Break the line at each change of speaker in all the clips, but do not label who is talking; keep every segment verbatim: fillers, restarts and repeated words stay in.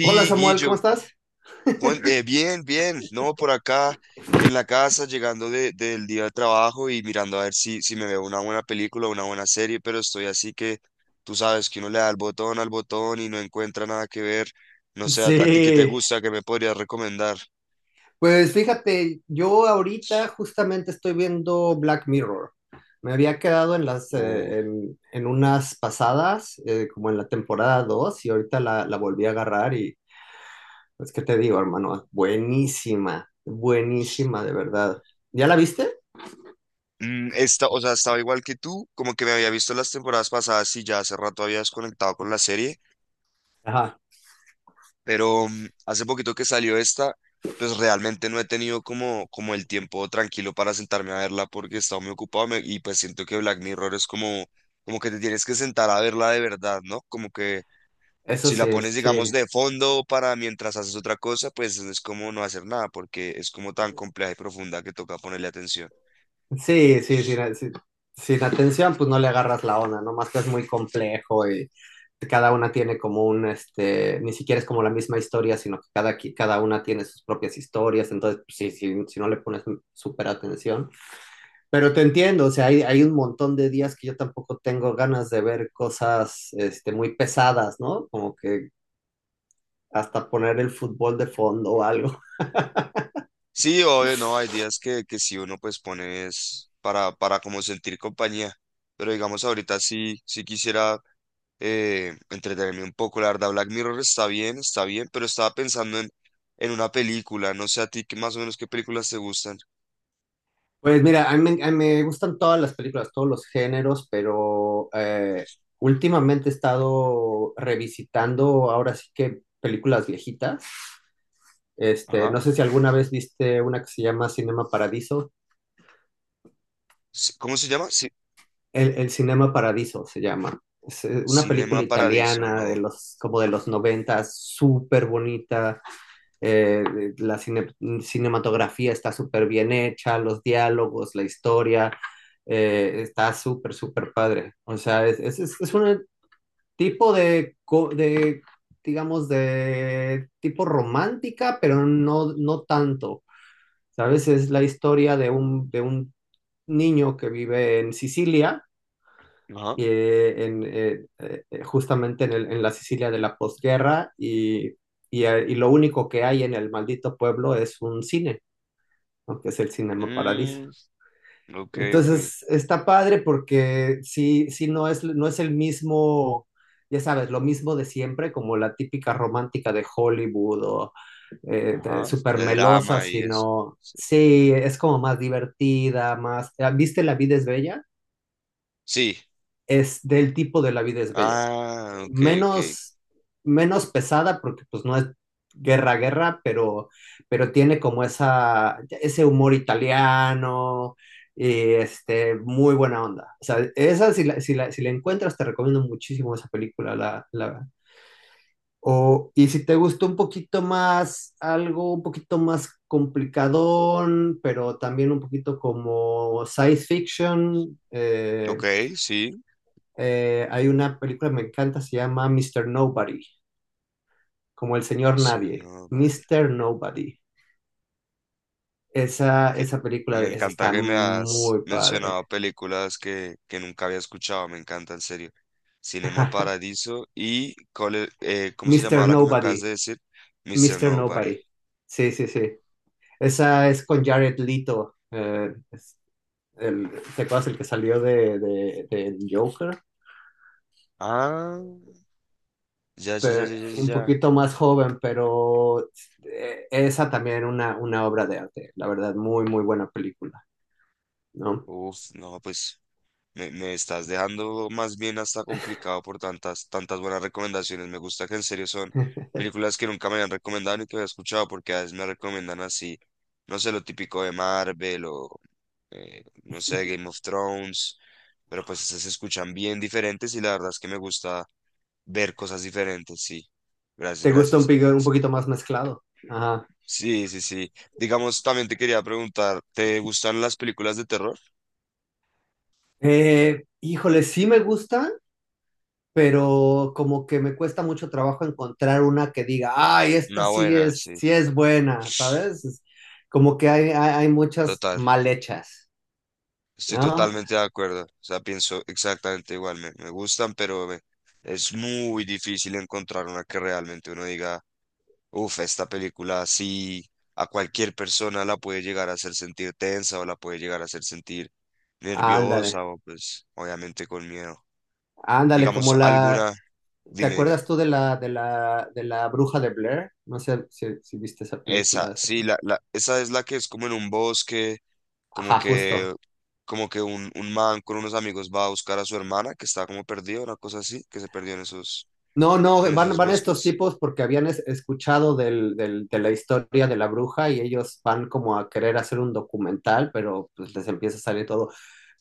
Hola Samuel, ¿cómo
Guillo,
estás?
cuen- eh, bien, bien, no, por acá en la casa, llegando de- del día de trabajo y mirando a ver si, si me veo una buena película, una buena serie, pero estoy así que tú sabes que uno le da el botón al botón y no encuentra nada que ver. No sé, a, a ti qué te
Sí.
gusta, qué me podrías recomendar.
Pues fíjate, yo ahorita justamente estoy viendo Black Mirror. Me había quedado en las
Uh,
eh, en, en unas pasadas, eh, como en la temporada dos y ahorita la, la volví a agarrar y pues qué te digo, hermano, buenísima, buenísima de verdad. ¿Ya la viste?
mm, esta, o sea, estaba igual que tú, como que me había visto las temporadas pasadas y ya hace rato había desconectado con la serie.
Ajá.
Pero mm, hace poquito que salió esta, pues realmente no he tenido como, como el tiempo tranquilo para sentarme a verla porque he estado muy ocupado me- y pues siento que Black Mirror es como, como que te tienes que sentar a verla de verdad, ¿no? Como que
Eso
si
sí,
la pones, digamos,
sí.
de fondo para mientras haces otra cosa, pues es como no hacer nada porque es como tan compleja y profunda que toca ponerle atención.
Sí, sí, sin, sin- sin atención, pues no le agarras la onda, ¿no? Más que es muy complejo y cada una tiene como un, este, ni siquiera es como la misma historia, sino que cada, qui- cada una tiene sus propias historias, entonces, pues, sí, sí, si no le pones súper atención. Pero te entiendo, o sea, hay, hay un montón de días que yo tampoco tengo ganas de ver cosas, este, muy pesadas, ¿no? Como que hasta poner el fútbol de fondo o algo.
Sí, obvio, no, hay días que, que sí uno pues pones para, para como sentir compañía, pero digamos ahorita sí, sí quisiera eh, entretenerme un poco. La verdad, Black Mirror está bien, está bien, pero estaba pensando en, en una película. No sé a ti qué más o menos qué películas te gustan.
Pues mira, a mí, me a mí me gustan todas las películas, todos los géneros, pero eh, últimamente he estado revisitando ahora sí que películas viejitas. Este,
Ajá.
no sé si alguna vez viste una que se llama Cinema Paradiso.
Sí, ¿cómo se llama? Sí,
El, el Cinema Paradiso se llama. Es eh, una
Cinema
película
Paradiso,
italiana
no.
de los, como de los noventas, súper bonita. eh, la cine- Cinematografía está súper bien hecha, los diálogos, la historia, eh, está súper, súper padre. O sea, es, es- es- es un tipo de, co- de, digamos, de tipo romántica, pero no, no tanto. ¿Sabes? Es la historia de un, de un niño que vive en Sicilia
Ajá.
eh, en, eh, eh, eh, justamente en, el- en la Sicilia de la posguerra y, y, eh, y lo único que hay en el maldito pueblo es un cine, ¿no? Que es el Cinema Paradiso.
Mm, ok, ok.
Entonces está padre porque sí, sí no es, no es el mismo, ya sabes, lo mismo de siempre, como la típica romántica de Hollywood o eh, de-
Ajá.
súper
De
melosa,
drama y eso.
sino
Sí.
sí, es como más divertida, más ¿viste La vida es bella?
Sí.
Es del tipo de La vida es bella.
Ah, ok, ok.
Menos, menos pesada porque pues no es guerra, guerra, pero, pero tiene como esa, ese humor italiano, y este, muy buena onda. O sea, esa si la, si la, si la encuentras, te recomiendo muchísimo esa película. La, la, o, y si te gustó un poquito más, algo un poquito más complicadón, pero también un poquito como science fiction,
Ok,
eh,
sí.
eh, hay una película que me encanta, se llama mister Nobody. Como el señor
mister
nadie,
Nobody.
Mister Nobody. Esa,
que-
esa película
Me
esa
encanta
está
que me has
muy padre.
mencionado películas que, que nunca había escuchado, me encanta, en serio. Cinema Paradiso y, cole- eh, ¿cómo se llamaba
Mister
la que me acabas
Nobody,
de decir? Mister
Mister
Nobody.
Nobody. Sí, sí, sí. Esa es con Jared Leto. Eh, es el, ¿te acuerdas el que salió de, de, del Joker?
Ah, ya, ya, ya,
Pero
ya, ya,
un
ya.
poquito más joven, pero eh, esa también una, una obra de arte. La verdad, muy, muy buena película, ¿no?
Uf, no, pues me, me estás dejando más bien hasta complicado por tantas, tantas buenas recomendaciones. Me gusta que en serio son películas que nunca me habían recomendado ni que había escuchado, porque a veces me recomiendan así, no sé, lo típico de Marvel o eh, no sé, Game of Thrones, pero pues esas se escuchan bien diferentes y la verdad es que me gusta ver cosas diferentes, sí. Gracias,
¿Te gusta un,
gracias.
pico- un
S-
poquito más mezclado? Ajá.
Sí, sí, sí. Digamos, también te quería preguntar, ¿te gustan las películas de terror?
Eh, híjole, sí me gustan, pero como que me cuesta mucho trabajo encontrar una que diga, ay, esta
Una
sí
buena, sí,
es, sí es buena, ¿sabes? Es como que hay, hay, hay muchas
total.
mal hechas,
Estoy
¿no?
totalmente de acuerdo. O sea, pienso exactamente igual. Me, me gustan, pero me- es muy difícil encontrar una que realmente uno diga. Uf, esta película sí a cualquier persona la puede llegar a hacer sentir tensa o la puede llegar a hacer sentir
Ándale,
nerviosa o pues obviamente con miedo.
ándale,
Digamos
como la,
alguna,
¿te
dime, dime.
acuerdas tú de la, de la, de la bruja de Blair? No sé si, si viste esa
Esa,
película.
sí, la, la, esa es la que es como en un bosque, como
Ajá, justo.
que, como que un, un man con unos amigos va a buscar a su hermana que está como perdida, una cosa así, que se perdió en esos,
No, no,
en
van,
esos
van estos
bosques.
tipos porque habían es- escuchado del, del- de la historia de la bruja y ellos van como a querer hacer un documental, pero pues les empieza a salir todo.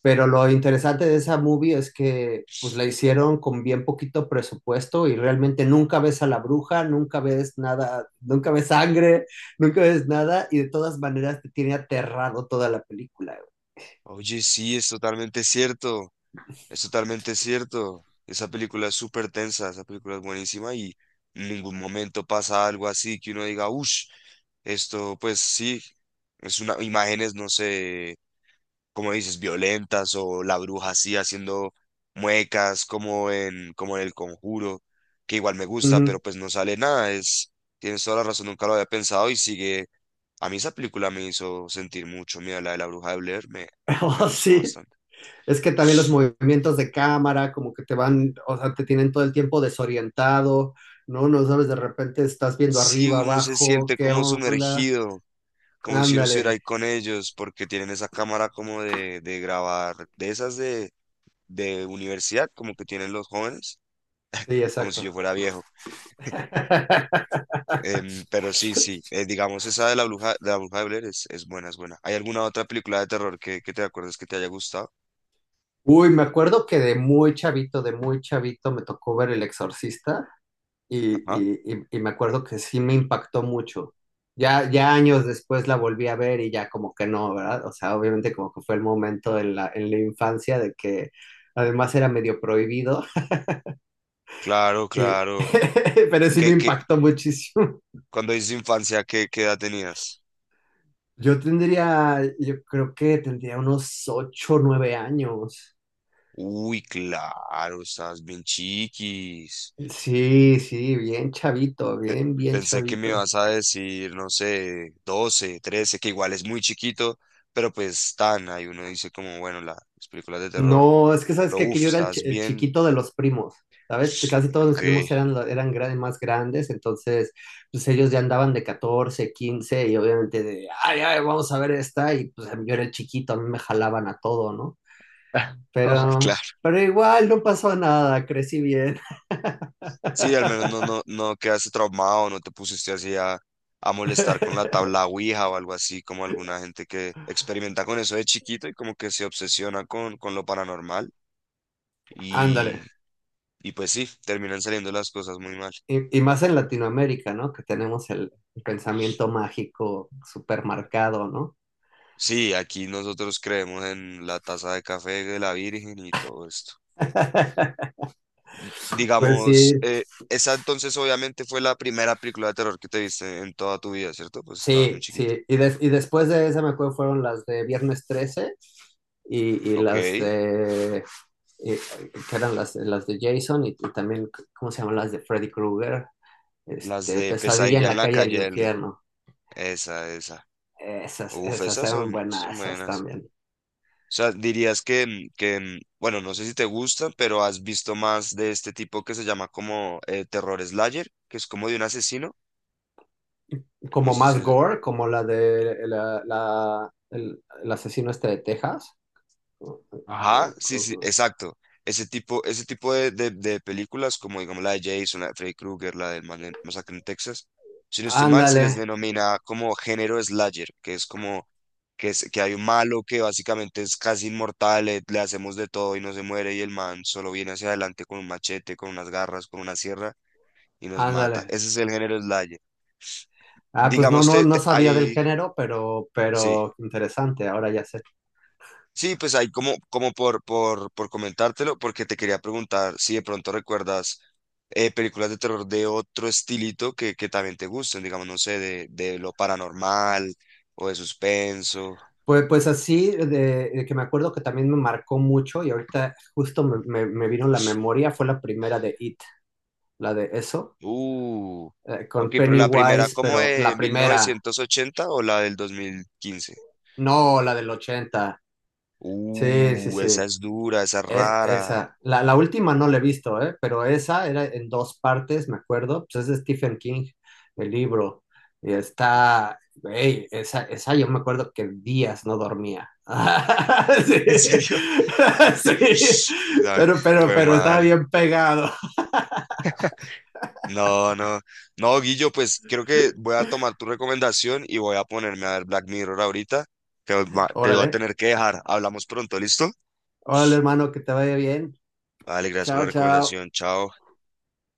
Pero lo interesante de esa movie es que pues la hicieron con bien poquito presupuesto y realmente nunca ves a la bruja, nunca ves nada, nunca ves sangre, nunca ves nada y de todas maneras te tiene aterrado toda la película.
Oye, sí, es totalmente cierto. Es totalmente cierto. Esa película es súper tensa, esa película es buenísima y en ningún momento pasa algo así que uno diga, uff, esto pues sí, es una, imágenes, no sé, como dices, violentas o la bruja así haciendo muecas como en, como en El Conjuro, que igual me
Güey.
gusta, pero
Ujú.
pues no sale nada. Es, tienes toda la razón, nunca lo había pensado y sigue. A mí esa película me hizo sentir mucho, mira, la de la bruja de Blair me, me
Oh,
gustó
sí.
bastante.
Es que también los movimientos de cámara, como que te van, o sea, te tienen todo el tiempo desorientado, ¿no? No sabes, de repente estás viendo
Sí,
arriba,
uno se
abajo,
siente
¿qué
como
onda?
sumergido, como si uno estuviera ahí
Ándale.
con ellos, porque tienen esa cámara como de, de grabar, de esas de, de universidad, como que tienen los jóvenes,
Sí,
como si
exacto.
yo fuera viejo. Em, pero sí, sí, eh, digamos esa de la bruja, de la bruja de Blair es, es buena, es buena. ¿Hay alguna otra película de terror que, que te acuerdes que te haya gustado?
Uy, me acuerdo que de muy chavito, de muy chavito, me tocó ver El Exorcista y,
Ajá.
y- y- y me acuerdo que sí me impactó mucho. Ya, ya años después la volví a ver y ya como que no, ¿verdad? O sea, obviamente como que fue el momento en la, en la infancia de que además era medio prohibido.
Claro,
Eh,
claro.
pero sí me
¿Qué, qué,
impactó muchísimo.
cuando dices infancia, qué, qué edad tenías?
Yo tendría, yo creo que tendría unos ocho, o nueve años.
Uy, claro, estabas bien chiquis.
Sí, sí, bien chavito,
Pe-
bien, bien
Pensé que me
chavito.
ibas a decir, no sé, doce trece que igual es muy chiquito, pero pues tan, ahí uno dice como, bueno, la- las películas de terror,
No, es que sabes
pero
que, que
uff,
yo era el, chi-
estás
el
bien.
chiquito de los primos, ¿sabes? Casi todos mis
Ok,
primos eran, la- eran gra- más grandes, entonces pues ellos ya andaban de catorce, quince y obviamente de, ay, ay, vamos a ver esta y pues yo era el chiquito, a mí me jalaban a todo, ¿no? Pero,
claro.
pero igual no pasó nada, crecí bien.
Sí, al menos no, no, no quedaste traumado, no te pusiste así a, a molestar con la tabla Ouija o algo así, como alguna gente que experimenta con eso de chiquito y como que se obsesiona con, con lo paranormal
Ándale.
y, y pues sí, terminan saliendo las cosas muy mal.
Y, y más en Latinoamérica, ¿no? Que tenemos el el pensamiento mágico supermercado, ¿no?
Sí, aquí nosotros creemos en la taza de café de la Virgen y todo esto.
Pues sí,
Digamos, eh, esa entonces obviamente fue la primera película de terror que te viste en toda tu vida, ¿cierto? Pues estabas muy
sí,
chiquito.
sí. Y, des- y después de esa, me acuerdo, fueron las de Viernes trece y, y
Ok,
las de... y- que eran las, las de Jason y, y también, ¿cómo se llaman? Las de Freddy Krueger.
las
Este,
de
Pesadilla
Pesadilla
en
en
la
la
calle del
calle Elm,
infierno.
esa, esa.
Esas,
Uf,
esas
esas
eran
son, son
buenas, esas
buenas.
también.
O sea, dirías que, mm, que, mm, bueno, no sé si te gustan, pero has visto más de este tipo que se llama como eh, Terror Slayer, que es como de un asesino. No
Como
sé si
más gore, como la de la, la- el, el asesino este de Texas. O-
ajá,
o-
sí, sí,
o-
exacto. Ese tipo, ese tipo de, de- de películas, como digamos la de Jason, la de Freddy Krueger, la del Man- Masacre en Texas, si no estoy mal, se
Ándale,
les denomina como género slasher, que es como que, es, que hay un malo que básicamente es casi inmortal, le, le hacemos de todo y no se muere, y el man solo viene hacia adelante con un machete, con unas garras, con una sierra y nos mata.
ándale.
Ese es el género slasher.
Ah, pues no,
Digamos,
no,
te,
no
te-
sabía del
hay,
género, pero,
sí.
pero interesante, ahora ya sé.
Sí, pues ahí como, como por, por, por comentártelo, porque te quería preguntar si de pronto recuerdas eh, películas de terror de otro estilito que, que también te gusten, digamos, no sé, de, de lo paranormal o de suspenso.
Pues, pues así, de, de que me acuerdo que también me marcó mucho y ahorita justo me, me, me vino la memoria, fue la primera de It, la de eso,
Uh,
eh,
ok,
con
pero la primera,
Pennywise,
¿como
pero
de
la
mil
primera,
novecientos ochenta o la del dos mil quince?
no la del ochenta. Sí, sí,
Uh,
sí.
esa es dura, esa es
Eh,
rara.
esa, la, la última no la he visto, ¿eh? Pero esa era en dos partes, me acuerdo. Pues es de Stephen King, el libro. Y está, güey, esa, esa yo me acuerdo que días no dormía. Sí.
¿En serio?
Sí.
Ay,
Pero, pero,
güey,
pero estaba
madre.
bien pegado.
No, no, no, Guillo, pues creo que voy a tomar tu recomendación y voy a ponerme a ver Black Mirror ahorita. Te, va- te voy a
Órale,
tener que dejar. Hablamos pronto, ¿listo?
órale, hermano, que te vaya bien.
Vale, gracias por la
Chao, chao.
recomendación. Chao.